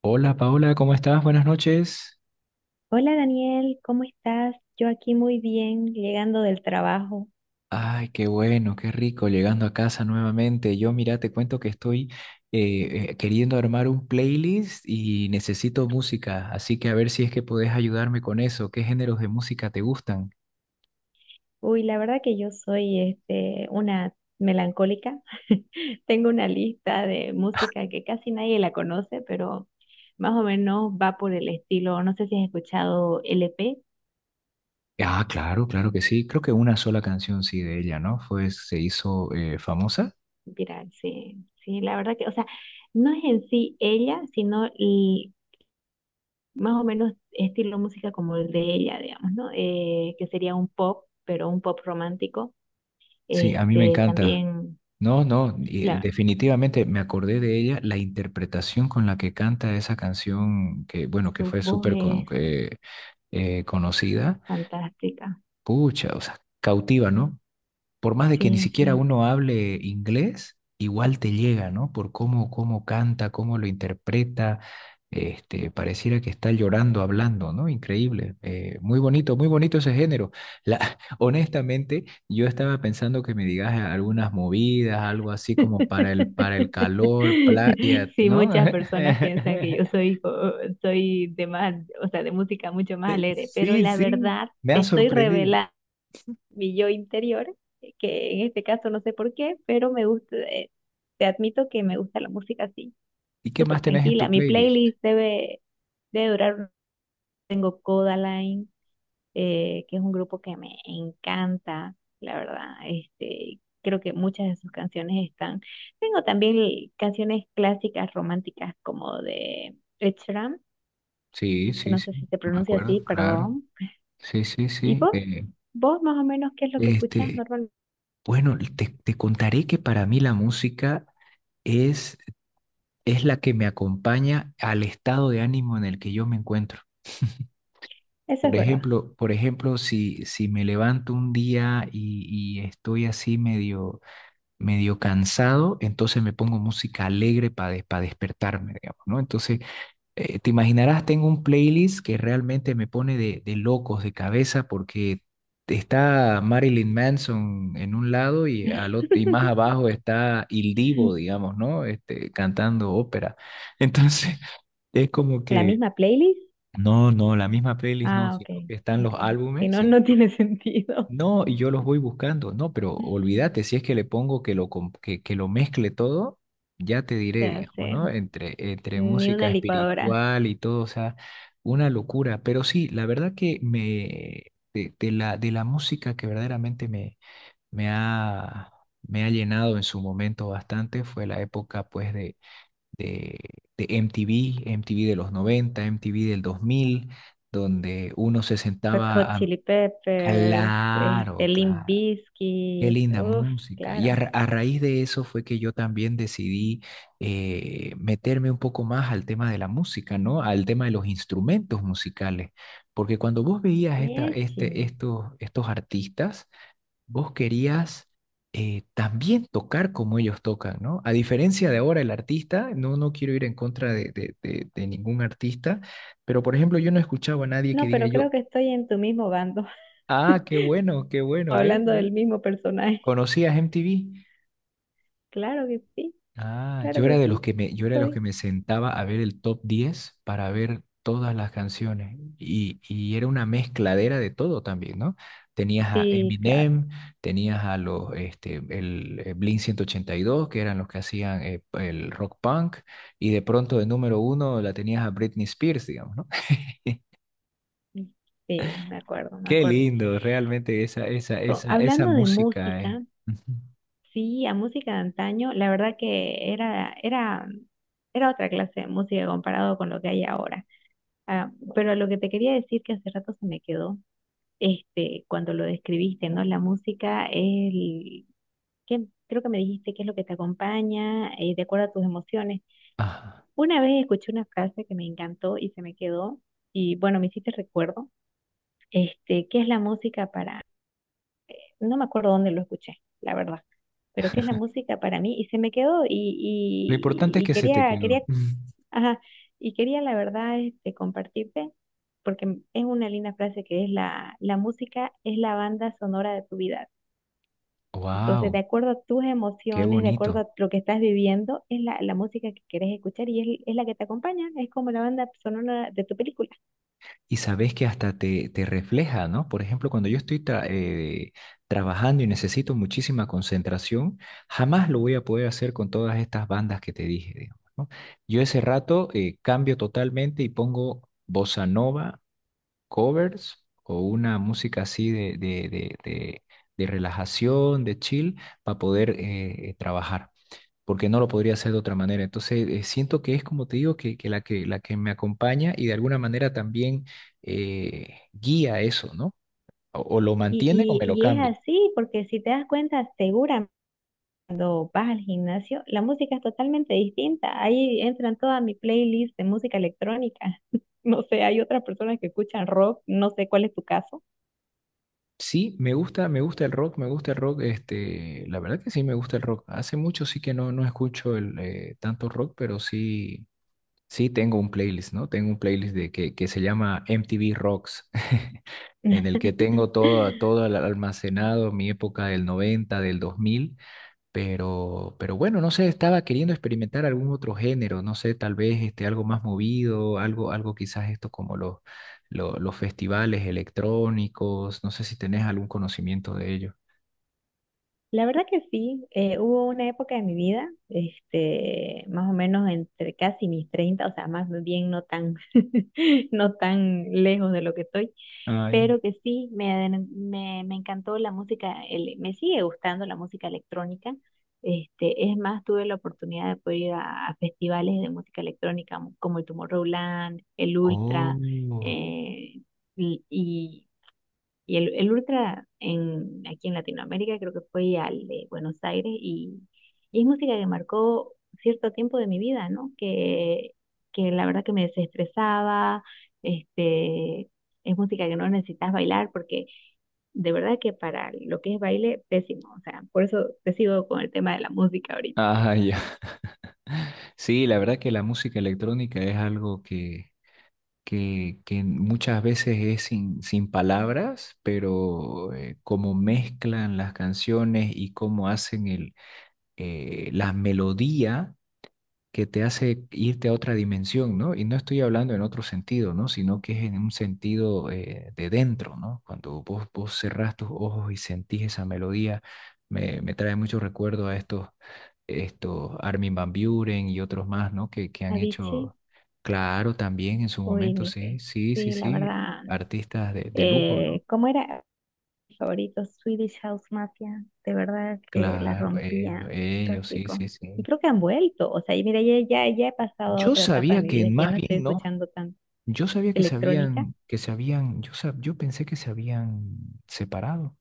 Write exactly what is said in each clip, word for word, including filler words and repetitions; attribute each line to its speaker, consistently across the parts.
Speaker 1: Hola Paola, ¿cómo estás? Buenas noches.
Speaker 2: Hola Daniel, ¿cómo estás? Yo aquí muy bien, llegando del trabajo.
Speaker 1: Ay, qué bueno, qué rico, llegando a casa nuevamente. Yo, mira, te cuento que estoy eh, eh, queriendo armar un playlist y necesito música, así que a ver si es que podés ayudarme con eso. ¿Qué géneros de música te gustan?
Speaker 2: Uy, la verdad que yo soy este, una melancólica. Tengo una lista de música que casi nadie la conoce, pero más o menos va por el estilo. No sé si has escuchado L P.
Speaker 1: Ah, claro, claro que sí. Creo que una sola canción sí de ella, ¿no? Fue, se hizo eh, famosa.
Speaker 2: Mira, sí, sí, la verdad que, o sea, no es en sí ella, sino el- más o menos estilo música como el de ella, digamos, ¿no? Eh, que sería un pop, pero un pop romántico.
Speaker 1: Sí, a mí me
Speaker 2: Este,
Speaker 1: encanta.
Speaker 2: también.
Speaker 1: No, no, y
Speaker 2: La
Speaker 1: definitivamente me acordé de ella, la interpretación con la que canta esa canción, que bueno, que
Speaker 2: Su
Speaker 1: fue
Speaker 2: voz
Speaker 1: súper con-
Speaker 2: es
Speaker 1: que, eh, conocida,
Speaker 2: fantástica.
Speaker 1: pucha, o sea, cautiva, ¿no? Por más de que ni
Speaker 2: Sí,
Speaker 1: siquiera
Speaker 2: sí.
Speaker 1: uno hable inglés, igual te llega, ¿no? Por cómo, cómo canta, cómo lo interpreta, este, pareciera que está llorando hablando, ¿no? Increíble, eh, muy bonito, muy bonito ese género. La, honestamente, yo estaba pensando que me digas algunas movidas, algo así como para el, para el calor, playa,
Speaker 2: Sí,
Speaker 1: ¿no?
Speaker 2: muchas personas piensan que yo soy, co- soy de más, o sea, de música mucho más alegre, pero
Speaker 1: Sí,
Speaker 2: la
Speaker 1: sí,
Speaker 2: verdad
Speaker 1: me
Speaker 2: te
Speaker 1: ha
Speaker 2: estoy
Speaker 1: sorprendido.
Speaker 2: revelando mi yo interior, eh, que en este caso no sé por qué, pero me gusta, eh, te admito que me gusta la música así,
Speaker 1: ¿Y qué
Speaker 2: súper
Speaker 1: más tenés en
Speaker 2: tranquila.
Speaker 1: tu
Speaker 2: Mi
Speaker 1: playlist?
Speaker 2: playlist debe, debe durar, tengo Codaline, eh, que es un grupo que me encanta, la verdad. Este, creo que muchas de sus canciones están. Tengo también l- canciones clásicas románticas como de Ed Sheeran,
Speaker 1: Sí,
Speaker 2: que
Speaker 1: sí,
Speaker 2: no
Speaker 1: sí,
Speaker 2: sé si se
Speaker 1: me
Speaker 2: pronuncia
Speaker 1: acuerdo,
Speaker 2: así,
Speaker 1: claro.
Speaker 2: perdón.
Speaker 1: Sí, sí,
Speaker 2: ¿Y
Speaker 1: sí.
Speaker 2: vos?
Speaker 1: Eh,
Speaker 2: ¿Vos más o menos qué es lo que escuchás
Speaker 1: este,
Speaker 2: normalmente?
Speaker 1: bueno, te, te contaré que para mí la música es, es la que me acompaña al estado de ánimo en el que yo me encuentro.
Speaker 2: Eso
Speaker 1: Por
Speaker 2: es verdad.
Speaker 1: ejemplo, por ejemplo, si, si me levanto un día y, y estoy así medio, medio cansado, entonces me pongo música alegre para despertarme, digamos, ¿no? Entonces, eh, te imaginarás, tengo un playlist que realmente me pone de, de locos de cabeza porque está Marilyn Manson en un lado y, al ot- y más abajo está Il Divo, digamos, ¿no? Este, cantando ópera. Entonces, es como
Speaker 2: ¿La
Speaker 1: que,
Speaker 2: misma playlist?
Speaker 1: no, no, la misma playlist no,
Speaker 2: Ah, ok,
Speaker 1: sino que están
Speaker 2: ok.
Speaker 1: los
Speaker 2: Si
Speaker 1: álbumes
Speaker 2: no,
Speaker 1: y
Speaker 2: no tiene sentido.
Speaker 1: no, y yo los voy buscando, no, pero olvídate, si es que le pongo que lo, com- que, que lo mezcle todo, ya te
Speaker 2: Se
Speaker 1: diré, digamos,
Speaker 2: hace
Speaker 1: ¿no? Entre, entre
Speaker 2: ni
Speaker 1: música
Speaker 2: una licuadora.
Speaker 1: espiritual y todo, o sea, una locura. Pero sí, la verdad que me, de, de la, de la música que verdaderamente me, me ha, me ha llenado en su momento bastante fue la época, pues, de, de, de M T V, M T V de los noventa, M T V del dos mil donde uno se
Speaker 2: Red Hot
Speaker 1: sentaba a...
Speaker 2: Chili Peppers, este,
Speaker 1: Claro,
Speaker 2: Limp
Speaker 1: claro. Qué
Speaker 2: Bizkit,
Speaker 1: linda
Speaker 2: uff,
Speaker 1: música. Y a,
Speaker 2: claro,
Speaker 1: ra- a raíz de eso fue que yo también decidí eh, meterme un poco más al tema de la música, ¿no? Al tema de los instrumentos musicales. Porque cuando vos veías esta,
Speaker 2: Miechi.
Speaker 1: este, estos, estos artistas, vos querías eh, también tocar como ellos tocan, ¿no? A diferencia de ahora el artista, no, no quiero ir en contra de, de, de, de ningún artista, pero por ejemplo yo no escuchaba a nadie que
Speaker 2: No,
Speaker 1: diga
Speaker 2: pero creo
Speaker 1: yo,
Speaker 2: que estoy en tu mismo bando,
Speaker 1: ah, qué bueno, qué bueno, ve,
Speaker 2: hablando del
Speaker 1: ve,
Speaker 2: mismo personaje.
Speaker 1: conocías M T V.
Speaker 2: Claro que sí,
Speaker 1: Ah,
Speaker 2: claro
Speaker 1: yo
Speaker 2: que
Speaker 1: era de los
Speaker 2: sí,
Speaker 1: que me, yo era de los que
Speaker 2: soy.
Speaker 1: me sentaba a ver el top diez para ver todas las canciones. Y, y era una mezcladera de todo también, ¿no? Tenías a
Speaker 2: Sí, claro,
Speaker 1: Eminem, tenías a los, este, el, eh, Blink ciento ochenta y dos, que eran los que hacían eh, el rock punk, y de pronto de número uno la tenías a Britney Spears, digamos, ¿no?
Speaker 2: sí, me acuerdo, me
Speaker 1: Qué
Speaker 2: acuerdo.
Speaker 1: lindo, realmente esa, esa,
Speaker 2: No,
Speaker 1: esa, esa
Speaker 2: hablando de
Speaker 1: música, eh.
Speaker 2: música,
Speaker 1: Ujú.
Speaker 2: sí, a música de antaño, la verdad que era, era, era otra clase de música comparado con lo que hay ahora. Ah, pero lo que te quería decir que hace rato se me quedó este, cuando lo describiste, ¿no? La música es el, ¿qué? Creo que me dijiste qué es lo que te acompaña, eh, de acuerdo a tus emociones.
Speaker 1: Ah,
Speaker 2: Una vez escuché una frase que me encantó y se me quedó, y bueno, me hiciste recuerdo, este, ¿qué es la música para, no me acuerdo dónde lo escuché, la verdad, pero qué es la música para mí, y se me quedó, y,
Speaker 1: lo importante es
Speaker 2: y, y
Speaker 1: que se te
Speaker 2: quería,
Speaker 1: quedó.
Speaker 2: quería, ajá, y quería la verdad, este, compartirte. Porque es una linda frase que es la, la música es la banda sonora de tu vida. Entonces, de
Speaker 1: Wow,
Speaker 2: acuerdo a tus
Speaker 1: qué
Speaker 2: emociones, de acuerdo
Speaker 1: bonito.
Speaker 2: a lo que estás viviendo, es la, la música que quieres escuchar y es, es la que te acompaña, es como la banda sonora de tu película.
Speaker 1: Y sabes que hasta te, te refleja, ¿no? Por ejemplo, cuando yo estoy tra- eh, trabajando y necesito muchísima concentración, jamás lo voy a poder hacer con todas estas bandas que te dije, digamos, ¿no? Yo ese rato eh, cambio totalmente y pongo bossa nova covers o una música así de, de, de, de- de relajación, de chill, para poder eh, trabajar, porque no lo podría hacer de otra manera. Entonces, eh, siento que es como te digo, que, que la que, la que me acompaña y de alguna manera también eh, guía eso, ¿no? O, o lo
Speaker 2: Y,
Speaker 1: mantiene o me lo
Speaker 2: y, y es
Speaker 1: cambia.
Speaker 2: así, porque si te das cuenta, seguramente cuando vas al gimnasio, la música es totalmente distinta. Ahí entran toda mi playlist de música electrónica. No sé, hay otras personas que escuchan rock, no sé cuál es tu caso.
Speaker 1: Sí, me gusta, me gusta el rock, me gusta el rock, este, la verdad que sí me gusta el rock. Hace mucho sí que no, no escucho el, eh, tanto rock, pero sí, sí, tengo un playlist, ¿no? Tengo un playlist de que, que se llama M T V Rocks, en el que tengo todo, todo al- almacenado, mi época del noventa, del dos mil, pero, pero bueno, no sé, estaba queriendo experimentar algún otro género, no sé, tal vez este, algo más movido, algo, algo quizás esto como los, lo- los, festivales electrónicos, no sé si tenés algún conocimiento de ello.
Speaker 2: La verdad que sí, eh, hubo una época de mi vida, este, más o menos entre casi mis treinta, o sea, más bien no tan, no tan lejos de lo que estoy,
Speaker 1: Ah, ya.
Speaker 2: pero que sí, me, aden- me, me encantó la música, ele- me sigue gustando la música electrónica. Este, es más, tuve la oportunidad de poder ir a, a festivales de música electrónica como el Tomorrowland, el Ultra,
Speaker 1: Oh,
Speaker 2: eh, y, y y el, el Ultra en, aquí en Latinoamérica creo que fue al de Buenos Aires, y, y es música que marcó cierto tiempo de mi vida, ¿no? Que, que la verdad que me desestresaba. este, es música que no necesitas bailar porque de verdad que para lo que es baile, pésimo. O sea, por eso te sigo con el tema de la música ahorita.
Speaker 1: ah, ya. Sí, la verdad que la música electrónica es algo que... que, que muchas veces es sin, sin palabras, pero eh, cómo mezclan las canciones y cómo hacen el, eh, la melodía que te hace irte a otra dimensión, ¿no? Y no estoy hablando en otro sentido, ¿no? Sino que es en un sentido eh, de dentro, ¿no? Cuando vos, vos cerrás tus ojos y sentís esa melodía, me, me trae mucho recuerdo a estos, estos Armin van Buuren y otros más, ¿no? Que, que han
Speaker 2: Avicii
Speaker 1: hecho, claro, también en su
Speaker 2: o
Speaker 1: momento,
Speaker 2: Nick.
Speaker 1: sí, sí, sí,
Speaker 2: Sí, la
Speaker 1: sí,
Speaker 2: verdad.
Speaker 1: artistas de, de lujo, ¿no?
Speaker 2: Eh, ¿cómo era? Favoritos, Swedish House Mafia, de verdad que la
Speaker 1: Claro, ellos,
Speaker 2: rompían los
Speaker 1: ellos, sí,
Speaker 2: tipos.
Speaker 1: sí, sí.
Speaker 2: Y creo que han vuelto, o sea, y mira, ya, ya, ya he pasado a
Speaker 1: Yo
Speaker 2: otra etapa de
Speaker 1: sabía
Speaker 2: mi
Speaker 1: que
Speaker 2: vida, que ya
Speaker 1: más
Speaker 2: no estoy
Speaker 1: bien no.
Speaker 2: escuchando tan
Speaker 1: Yo sabía que se
Speaker 2: electrónica.
Speaker 1: habían, que se habían, yo, sab- yo pensé que se habían separado.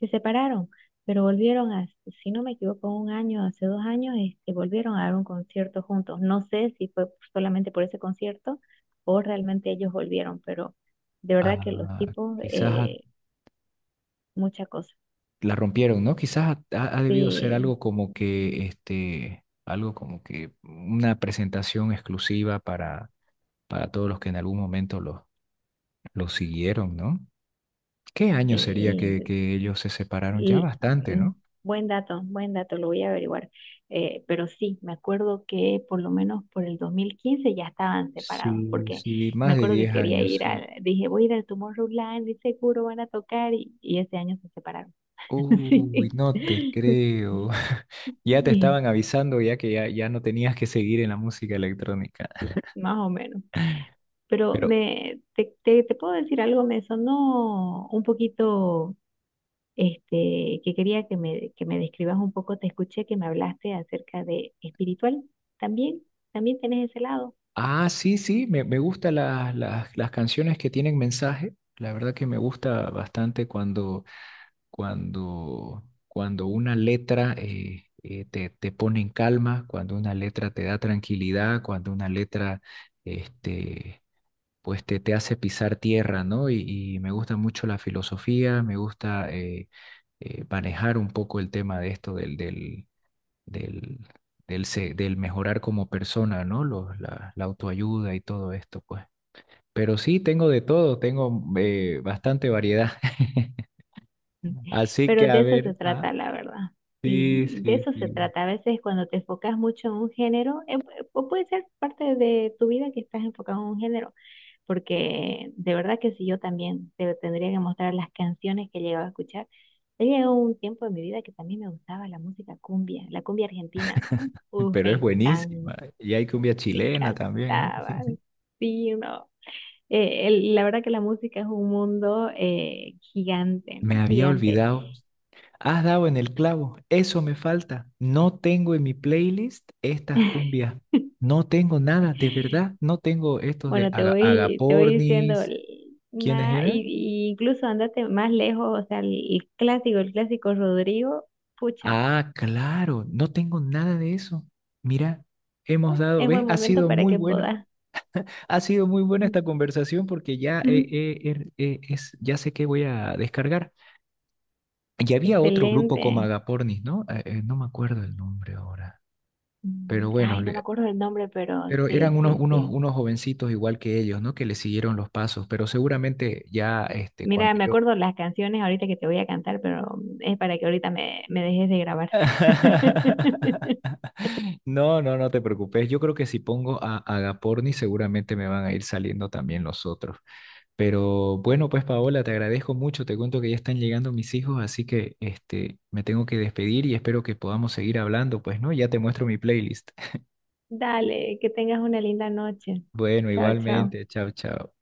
Speaker 2: Se separaron, pero volvieron a, si no me equivoco, un año, hace dos años, este, volvieron a dar un concierto juntos. No sé si fue solamente por ese concierto o realmente ellos volvieron, pero de verdad que los
Speaker 1: Ah,
Speaker 2: tipos,
Speaker 1: quizás a-
Speaker 2: eh, mucha cosa.
Speaker 1: la rompieron, ¿no? Quizás ha, ha- ha debido ser
Speaker 2: Sí,
Speaker 1: algo como que, este, algo como que una presentación exclusiva para, para todos los que en algún momento los lo siguieron, ¿no? ¿Qué año sería que,
Speaker 2: sí.
Speaker 1: que ellos se separaron? Ya
Speaker 2: Y
Speaker 1: bastante,
Speaker 2: mm,
Speaker 1: ¿no?
Speaker 2: buen dato, buen dato, lo voy a averiguar. Eh, pero sí, me acuerdo que por lo menos por el dos mil quince ya estaban separados,
Speaker 1: Sí,
Speaker 2: porque
Speaker 1: sí,
Speaker 2: me
Speaker 1: más de
Speaker 2: acuerdo que
Speaker 1: diez
Speaker 2: quería
Speaker 1: años,
Speaker 2: ir
Speaker 1: sí.
Speaker 2: al, dije, voy a ir al Tomorrowland y seguro van a tocar, y, y ese año se separaron.
Speaker 1: Uy,
Speaker 2: Sí,
Speaker 1: no te creo. Ya te
Speaker 2: y
Speaker 1: estaban avisando ya que ya, ya no tenías que seguir en la música electrónica.
Speaker 2: más o menos. Pero
Speaker 1: Pero,
Speaker 2: me, te, te, te puedo decir algo, me sonó un poquito. Este, que quería que me, que me describas un poco, te escuché que me hablaste acerca de espiritual, también, también tenés ese lado.
Speaker 1: ah, sí, sí, me, me gustan las, las, las canciones que tienen mensaje. La verdad que me gusta bastante cuando, cuando, cuando una letra eh, eh, te, te pone en calma, cuando una letra te da tranquilidad, cuando una letra este, pues te, te hace pisar tierra, ¿no? Y, y me gusta mucho la filosofía, me gusta eh, eh, manejar un poco el tema de esto del, del, del, del, se- del mejorar como persona, ¿no? Los- la, la autoayuda y todo esto, pues. Pero sí, tengo de todo, tengo eh, bastante variedad. Así que
Speaker 2: Pero
Speaker 1: a
Speaker 2: de eso
Speaker 1: ver,
Speaker 2: se
Speaker 1: ah,
Speaker 2: trata, la verdad.
Speaker 1: sí,
Speaker 2: Y de
Speaker 1: sí,
Speaker 2: eso se
Speaker 1: sí,
Speaker 2: trata. A veces cuando te enfocas mucho en un género, eh, pu- o puede ser parte de tu vida que estás enfocado en un género, porque de verdad que si yo también te tendría que mostrar las canciones que llegaba a escuchar, he llegado un tiempo en mi vida que también me gustaba la música cumbia, la cumbia argentina, ¿no? Uf,
Speaker 1: pero es
Speaker 2: me
Speaker 1: buenísima.
Speaker 2: encanta
Speaker 1: Y hay cumbia
Speaker 2: me
Speaker 1: chilena también, ¿no?
Speaker 2: encantaba. Sí, no. Eh, el- la verdad que la música es un mundo eh, gigante,
Speaker 1: Me
Speaker 2: ¿no?
Speaker 1: había
Speaker 2: Gigante.
Speaker 1: olvidado. Has dado en el clavo, eso me falta. No tengo en mi playlist estas cumbias. No tengo nada, de verdad. No tengo estos de
Speaker 2: Bueno, te
Speaker 1: Aga-
Speaker 2: voy, te voy diciendo,
Speaker 1: Agapornis. ¿Quiénes
Speaker 2: nada,
Speaker 1: eran?
Speaker 2: y, y incluso andate más lejos, o sea, el, el clásico, el clásico Rodrigo, pucha,
Speaker 1: Ah, claro, no tengo nada de eso. Mira, hemos
Speaker 2: bueno,
Speaker 1: dado,
Speaker 2: es
Speaker 1: ¿ves?
Speaker 2: buen
Speaker 1: Ha
Speaker 2: momento
Speaker 1: sido
Speaker 2: para
Speaker 1: muy
Speaker 2: que
Speaker 1: bueno.
Speaker 2: puedas.
Speaker 1: Ha sido muy buena esta conversación porque ya, eh,
Speaker 2: Ujú.
Speaker 1: eh, er- eh, es, ya sé que voy a descargar. Y había otro grupo como
Speaker 2: Excelente.
Speaker 1: Agapornis, ¿no? Eh, eh, no me acuerdo el nombre ahora.
Speaker 2: Mm,
Speaker 1: Pero bueno,
Speaker 2: Ay, no me
Speaker 1: le-
Speaker 2: acuerdo del nombre, pero
Speaker 1: Pero eran
Speaker 2: sí,
Speaker 1: unos,
Speaker 2: sí,
Speaker 1: unos,
Speaker 2: sí.
Speaker 1: unos jovencitos igual que ellos, ¿no? Que le siguieron los pasos, pero seguramente ya este, cuando
Speaker 2: Mira, me
Speaker 1: yo...
Speaker 2: acuerdo las canciones ahorita que te voy a cantar, pero es para que ahorita me, me dejes de grabar.
Speaker 1: No, no, no te preocupes. Yo creo que si pongo a Agaporni seguramente me van a ir saliendo también los otros. Pero bueno, pues Paola, te agradezco mucho. Te cuento que ya están llegando mis hijos, así que este, me tengo que despedir y espero que podamos seguir hablando, pues, ¿no? Ya te muestro mi playlist.
Speaker 2: Dale, que tengas una linda noche.
Speaker 1: Bueno,
Speaker 2: Chao, chao.
Speaker 1: igualmente. Chao, chao.